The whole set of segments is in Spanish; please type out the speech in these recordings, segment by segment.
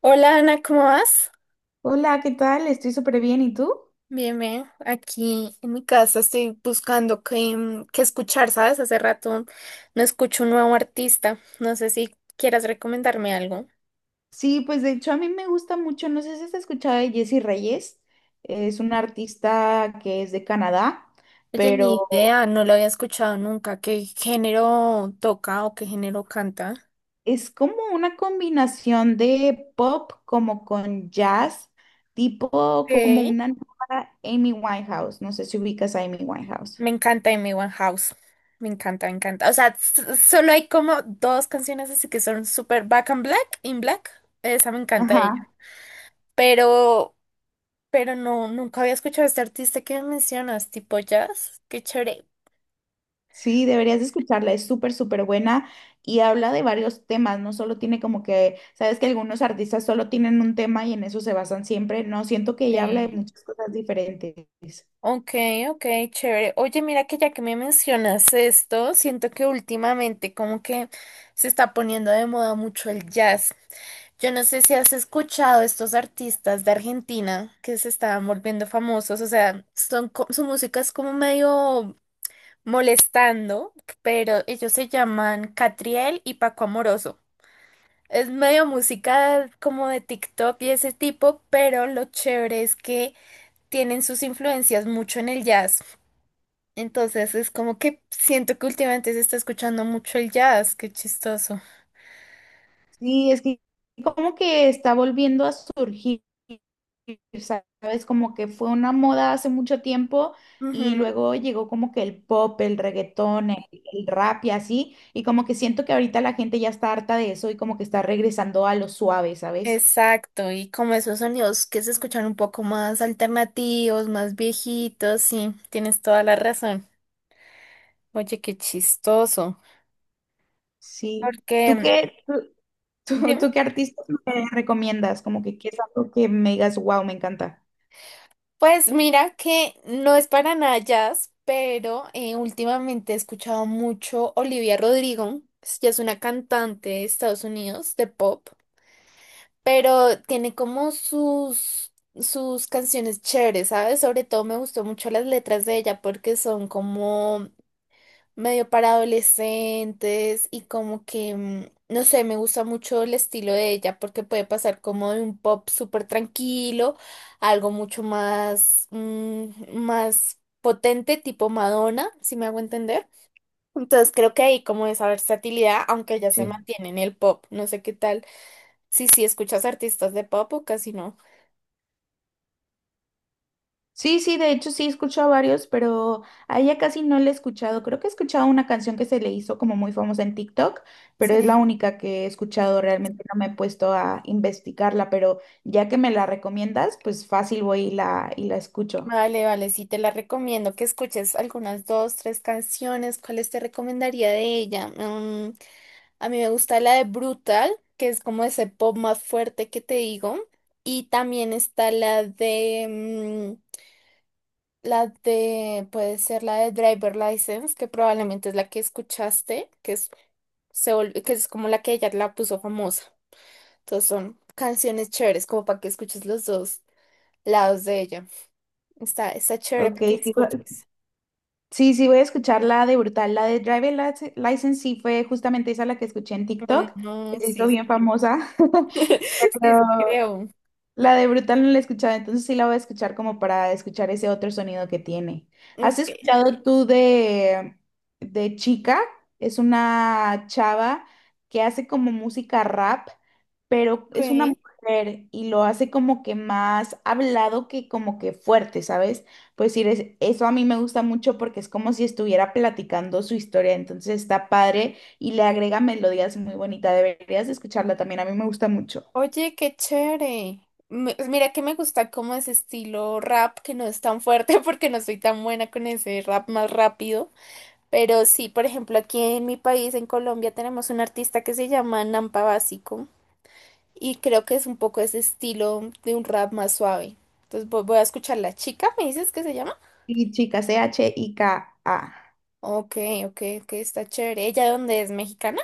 Hola Ana, ¿cómo vas? Hola, ¿qué tal? Estoy súper bien, ¿y tú? Bien, bien. Aquí en mi casa estoy buscando qué, qué escuchar, ¿sabes? Hace rato no escucho un nuevo artista. No sé si quieras recomendarme algo. Sí, pues de hecho a mí me gusta mucho, no sé si has escuchado de Jessie Reyes, es una artista que es de Canadá, Oye, ni pero idea, no lo había escuchado nunca. ¿Qué género toca o qué género canta? es como una combinación de pop como con jazz, tipo como Ok. una nueva Amy Winehouse, no sé si ubicas a Amy Winehouse. Me encanta Amy House. Me encanta, me encanta. O sea, solo hay como dos canciones así que son súper Back and Black, In Black. Esa me encanta de Ajá. ella. Pero pero no, nunca había escuchado a este artista que mencionas, tipo jazz. Qué chévere. Sí, deberías de escucharla, es súper, súper buena y habla de varios temas, no solo tiene como que, sabes que algunos artistas solo tienen un tema y en eso se basan siempre, no, siento que ella habla de Sí. muchas cosas diferentes. Ok, ok, chévere. Oye, mira que ya que me mencionas esto, siento que últimamente como que se está poniendo de moda mucho el jazz. Yo no sé si has escuchado estos artistas de Argentina que se estaban volviendo famosos, o sea, son, su música es como medio molestando, pero ellos se llaman Catriel y Paco Amoroso. Es medio música como de TikTok y ese tipo, pero lo chévere es que tienen sus influencias mucho en el jazz. Entonces es como que siento que últimamente se está escuchando mucho el jazz, qué chistoso. Sí, es que como que está volviendo a surgir, sabes, como que fue una moda hace mucho tiempo y Ujú. luego llegó como que el pop, el reggaetón, el rap y así, y como que siento que ahorita la gente ya está harta de eso y como que está regresando a lo suave, ¿sabes? Exacto, y como esos sonidos que se escuchan un poco más alternativos, más viejitos, sí, tienes toda la razón. Oye, qué chistoso. Sí. Porque, ¿Tú qué, tú, tú- dime. tú qué artistas me recomiendas? Como que qué es algo que me digas, wow, me encanta. Pues mira que no es para nada jazz, pero últimamente he escuchado mucho Olivia Rodrigo. Ella es una cantante de Estados Unidos de pop, pero tiene como sus canciones chéveres, ¿sabes? Sobre todo me gustó mucho las letras de ella porque son como medio para adolescentes y como que, no sé, me gusta mucho el estilo de ella porque puede pasar como de un pop súper tranquilo a algo mucho más, más potente, tipo Madonna, si me hago entender. Entonces creo que ahí como esa versatilidad, aunque ella se Sí. mantiene en el pop, no sé qué tal. Sí, sí, escuchas artistas de pop o casi no. Sí, sí, de hecho sí he escuchado a varios, pero a ella casi no le he escuchado. Creo que he escuchado una canción que se le hizo como muy famosa en TikTok, pero es la Sí. única que he escuchado. Realmente no me he puesto a investigarla, pero ya que me la recomiendas, pues fácil voy y la escucho. Vale, vale, sí, te la recomiendo que escuches algunas dos, tres canciones. ¿Cuáles te recomendaría de ella? A mí me gusta la de Brutal, que es como ese pop más fuerte que te digo. Y también está la de, puede ser la de Driver License, que probablemente es la que escuchaste, que es, que es como la que ella la puso famosa. Entonces son canciones chéveres, como para que escuches los dos lados de ella. Está chévere Ok, para que la sí, escuches. sí, sí, voy a escuchar la de Brutal, la de Driver Lic- License, sí fue justamente esa la que escuché en TikTok, que Ujú, se hizo sí, bien sí, famosa, sí, sí, pero creo. la de Brutal no la he escuchado, entonces sí la voy a escuchar como para escuchar ese otro sonido que tiene. ¿Has Ok, escuchado tú de Chica? Es una chava que hace como música rap, pero ok. es una mujer y lo hace como que más hablado que como que fuerte, ¿sabes? Pues sí, eso a mí me gusta mucho porque es como si estuviera platicando su historia, entonces está padre y le agrega melodías muy bonitas. Deberías de escucharla también, a mí me gusta mucho. Oye, qué chévere. Me- pues mira que me gusta como ese estilo rap que no es tan fuerte porque no soy tan buena con ese rap más rápido. Pero sí, por ejemplo, aquí en mi país, en Colombia, tenemos un artista que se llama Nampa Básico y creo que es un poco ese estilo de un rap más suave. Entonces voy a escuchar La Chica, ¿me dices que se llama? Y Chica, CHIKA. Ok, ok, ok, está chévere. ¿Ella de dónde es? ¿Mexicana?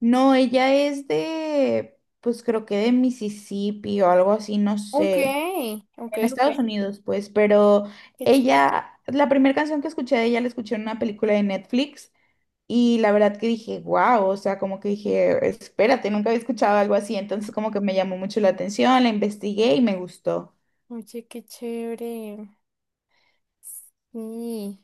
No, ella es de, pues creo que de Mississippi o algo así, no Ok, sé. ok, En ok. Estados Unidos, pues, pero Qué ella, la primera canción que escuché de ella la escuché en una película de Netflix y la verdad que dije, wow, o sea, como que dije, espérate, nunca había escuchado algo así, entonces como que me llamó mucho la atención, la investigué y me gustó. Oye, qué chévere. Sí.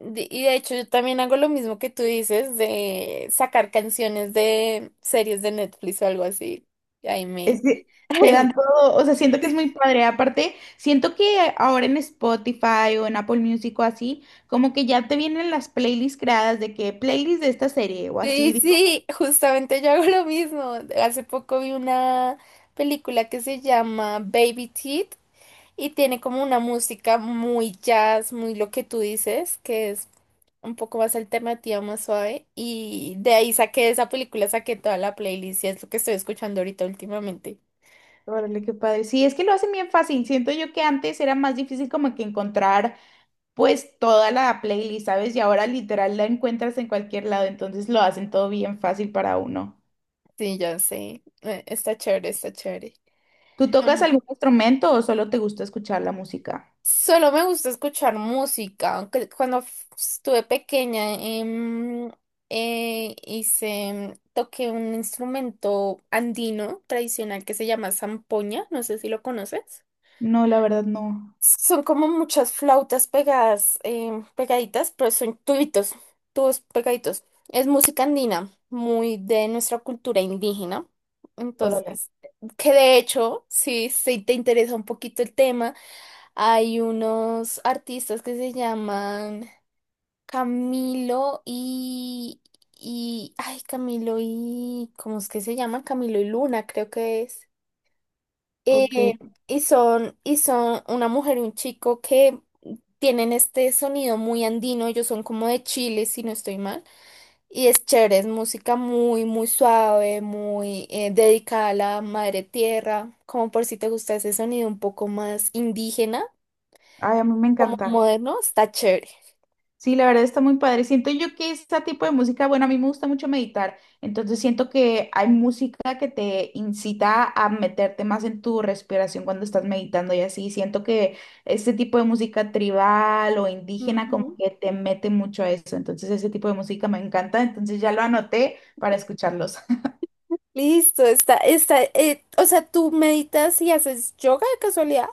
De- y de hecho, yo también hago lo mismo que tú dices de sacar canciones de series de Netflix o algo así. Y ahí Es me. que te dan ahí- todo, o sea, siento que es muy padre. Aparte, siento que ahora en Spotify o en Apple Music o así, como que ya te vienen las playlists creadas de que playlist de esta serie o así. Sí, Digo, sí, justamente yo hago lo mismo. Hace poco vi una película que se llama Baby Teeth. Y tiene como una música muy jazz, muy lo que tú dices, que es un poco más alternativa, más suave. Y de ahí saqué esa película, saqué toda la playlist y es lo que estoy escuchando ahorita últimamente. órale, qué padre. Sí, es que lo hacen bien fácil. Siento yo que antes era más difícil como que encontrar pues toda la playlist, ¿sabes? Y ahora literal la encuentras en cualquier lado, entonces lo hacen todo bien fácil para uno. Sí, ya sé. Está chévere, está chévere. ¿Tú tocas Ujú. algún instrumento o solo te gusta escuchar la música? Solo me gusta escuchar música. Aunque cuando estuve pequeña, hice, toqué un instrumento andino tradicional que se llama zampoña. No sé si lo conoces. No, la verdad no. Son como muchas flautas pegadas, pegaditas, pero son tubitos, tubos pegaditos. Es música andina, muy de nuestra cultura indígena. Órale, Entonces, que de hecho, si te interesa un poquito el tema, hay unos artistas que se llaman Camilo ay, Camilo y, ¿cómo es que se llaman? Camilo y Luna, creo que es. ok. Eh, y son una mujer y un chico que tienen este sonido muy andino, ellos son como de Chile, si no estoy mal, y es chévere, es música muy, muy suave, muy dedicada a la madre tierra, como por si te gusta ese sonido un poco más indígena, Ay, a mí me como encanta. moderno, está chévere. Sí, la verdad está muy padre. Siento yo que este tipo de música, bueno, a mí me gusta mucho meditar, entonces siento que hay música que te incita a meterte más en tu respiración cuando estás meditando y así. Siento que este tipo de música tribal o indígena como Ujú. que te mete mucho a eso, entonces ese tipo de música me encanta, entonces ya lo anoté para escucharlos. Listo, está, o sea, ¿tú meditas y haces yoga de casualidad?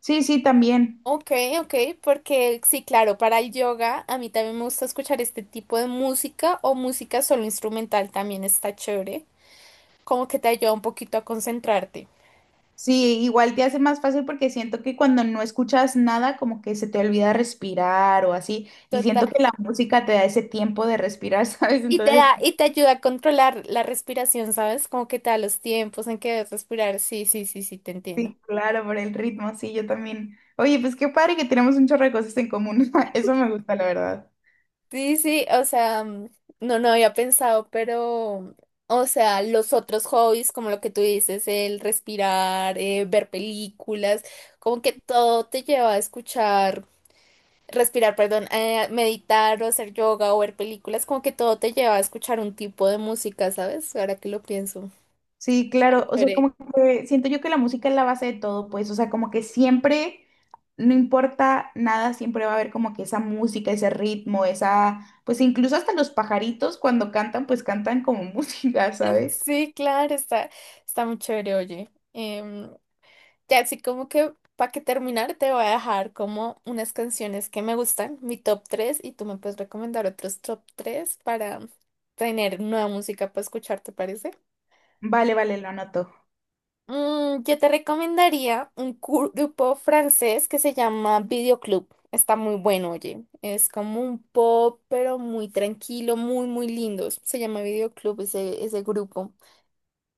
Sí, sí, también. Ok, ok, porque sí, claro, para el yoga a mí también me gusta escuchar este tipo de música o música solo instrumental también está chévere, como que te ayuda un poquito a concentrarte. Sí, igual te hace más fácil porque siento que cuando no escuchas nada, como que se te olvida respirar o así, y Total. siento que la música te da ese tiempo de respirar, ¿sabes? Y te Entonces, da, y te ayuda a controlar la respiración, ¿sabes? Como que te da los tiempos en que debes respirar. Sí, sí, sí, sí, te entiendo. sí, claro, por el ritmo, sí, yo también. Oye, pues qué padre que tenemos un chorro de cosas en común, eso me gusta, la verdad. Sí, sí, o sea, no, no había pensado, pero, o sea, los otros hobbies, como lo que tú dices, el respirar, ver películas, como que todo te lleva a escuchar, respirar, perdón, a meditar o hacer yoga o ver películas, como que todo te lleva a escuchar un tipo de música, ¿sabes? Ahora que lo pienso. Sí, claro, o sea, Chévere. como que siento yo que la música es la base de todo, pues, o sea, como que siempre, no importa nada, siempre va a haber como que esa música, ese ritmo, esa, pues incluso hasta los pajaritos cuando cantan, pues cantan como música, ¿sabes? Sí, claro, está muy chévere, oye. Em, ya así como que para que terminar te voy a dejar como unas canciones que me gustan, mi top 3 y tú me puedes recomendar otros top 3 para tener nueva música para escuchar, ¿te parece? Vale, vale, lo anoto. Mm, yo te recomendaría un grupo francés que se llama Videoclub. Está muy bueno, oye. Es como un pop, pero muy tranquilo, muy, muy lindo. Se llama Videoclub ese grupo.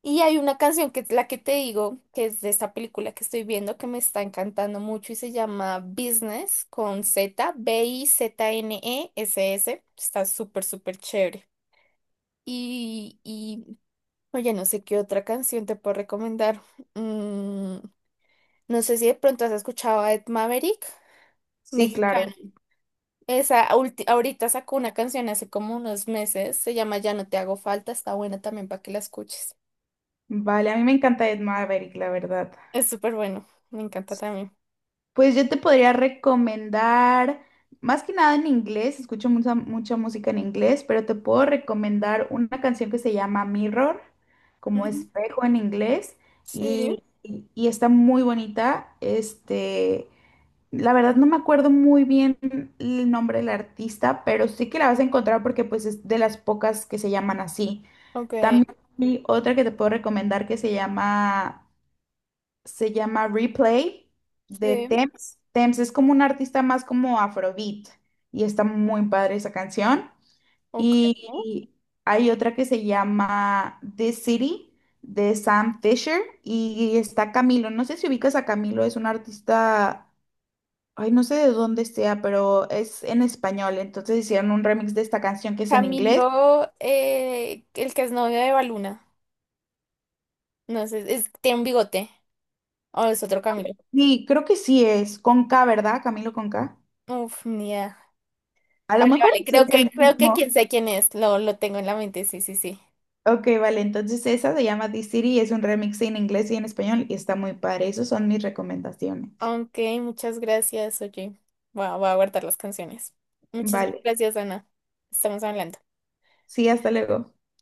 Y hay una canción que es la que te digo, que es de esta película que estoy viendo, que me está encantando mucho y se llama Business con Z, Bizness. Está súper, súper chévere. Y, y, oye, no sé qué otra canción te puedo recomendar. Mm, no sé si de pronto has escuchado a Ed Maverick, Sí, mexicano. claro. Esa, ahorita sacó una canción hace como unos meses, se llama Ya no te hago falta, está buena también para que la escuches. Vale, a mí me encanta Ed Maverick, la verdad. Es súper bueno, me encanta también. Pues yo te podría recomendar, más que nada en inglés, escucho mucha, mucha música en inglés, pero te puedo recomendar una canción que se llama Mirror, como espejo en inglés, Sí, y está muy bonita. Este, la verdad no me acuerdo muy bien el nombre del artista, pero sí que la vas a encontrar porque pues es de las pocas que se llaman así. ok, También hay otra que te puedo recomendar que se llama Replay de sí, Tems. Tems es como un artista más como afrobeat y está muy padre esa canción. ok. Y hay otra que se llama This City de Sam Fisher y está Camilo. No sé si ubicas a Camilo, es un artista, ay, no sé de dónde sea, pero es en español. Entonces hicieron un remix de esta canción que es en inglés. Camilo, el que es novio de Baluna. No sé, es, tiene un bigote. O es otro Camilo. Sí, creo que sí es con K, ¿verdad? Camilo con K. Uf, ni idea. A lo Vale, mejor vale, sí creo es el creo que mismo. quien sé quién es. Lo tengo en la mente, sí, sí, sí. Ok, vale, entonces esa se llama The City y es un remix en inglés y en español y está muy padre. Esas son mis recomendaciones. Ok, muchas gracias, oye. Voy a guardar las canciones. Muchísimas Vale, gracias, Ana. Estamos hablando. sí, hasta luego.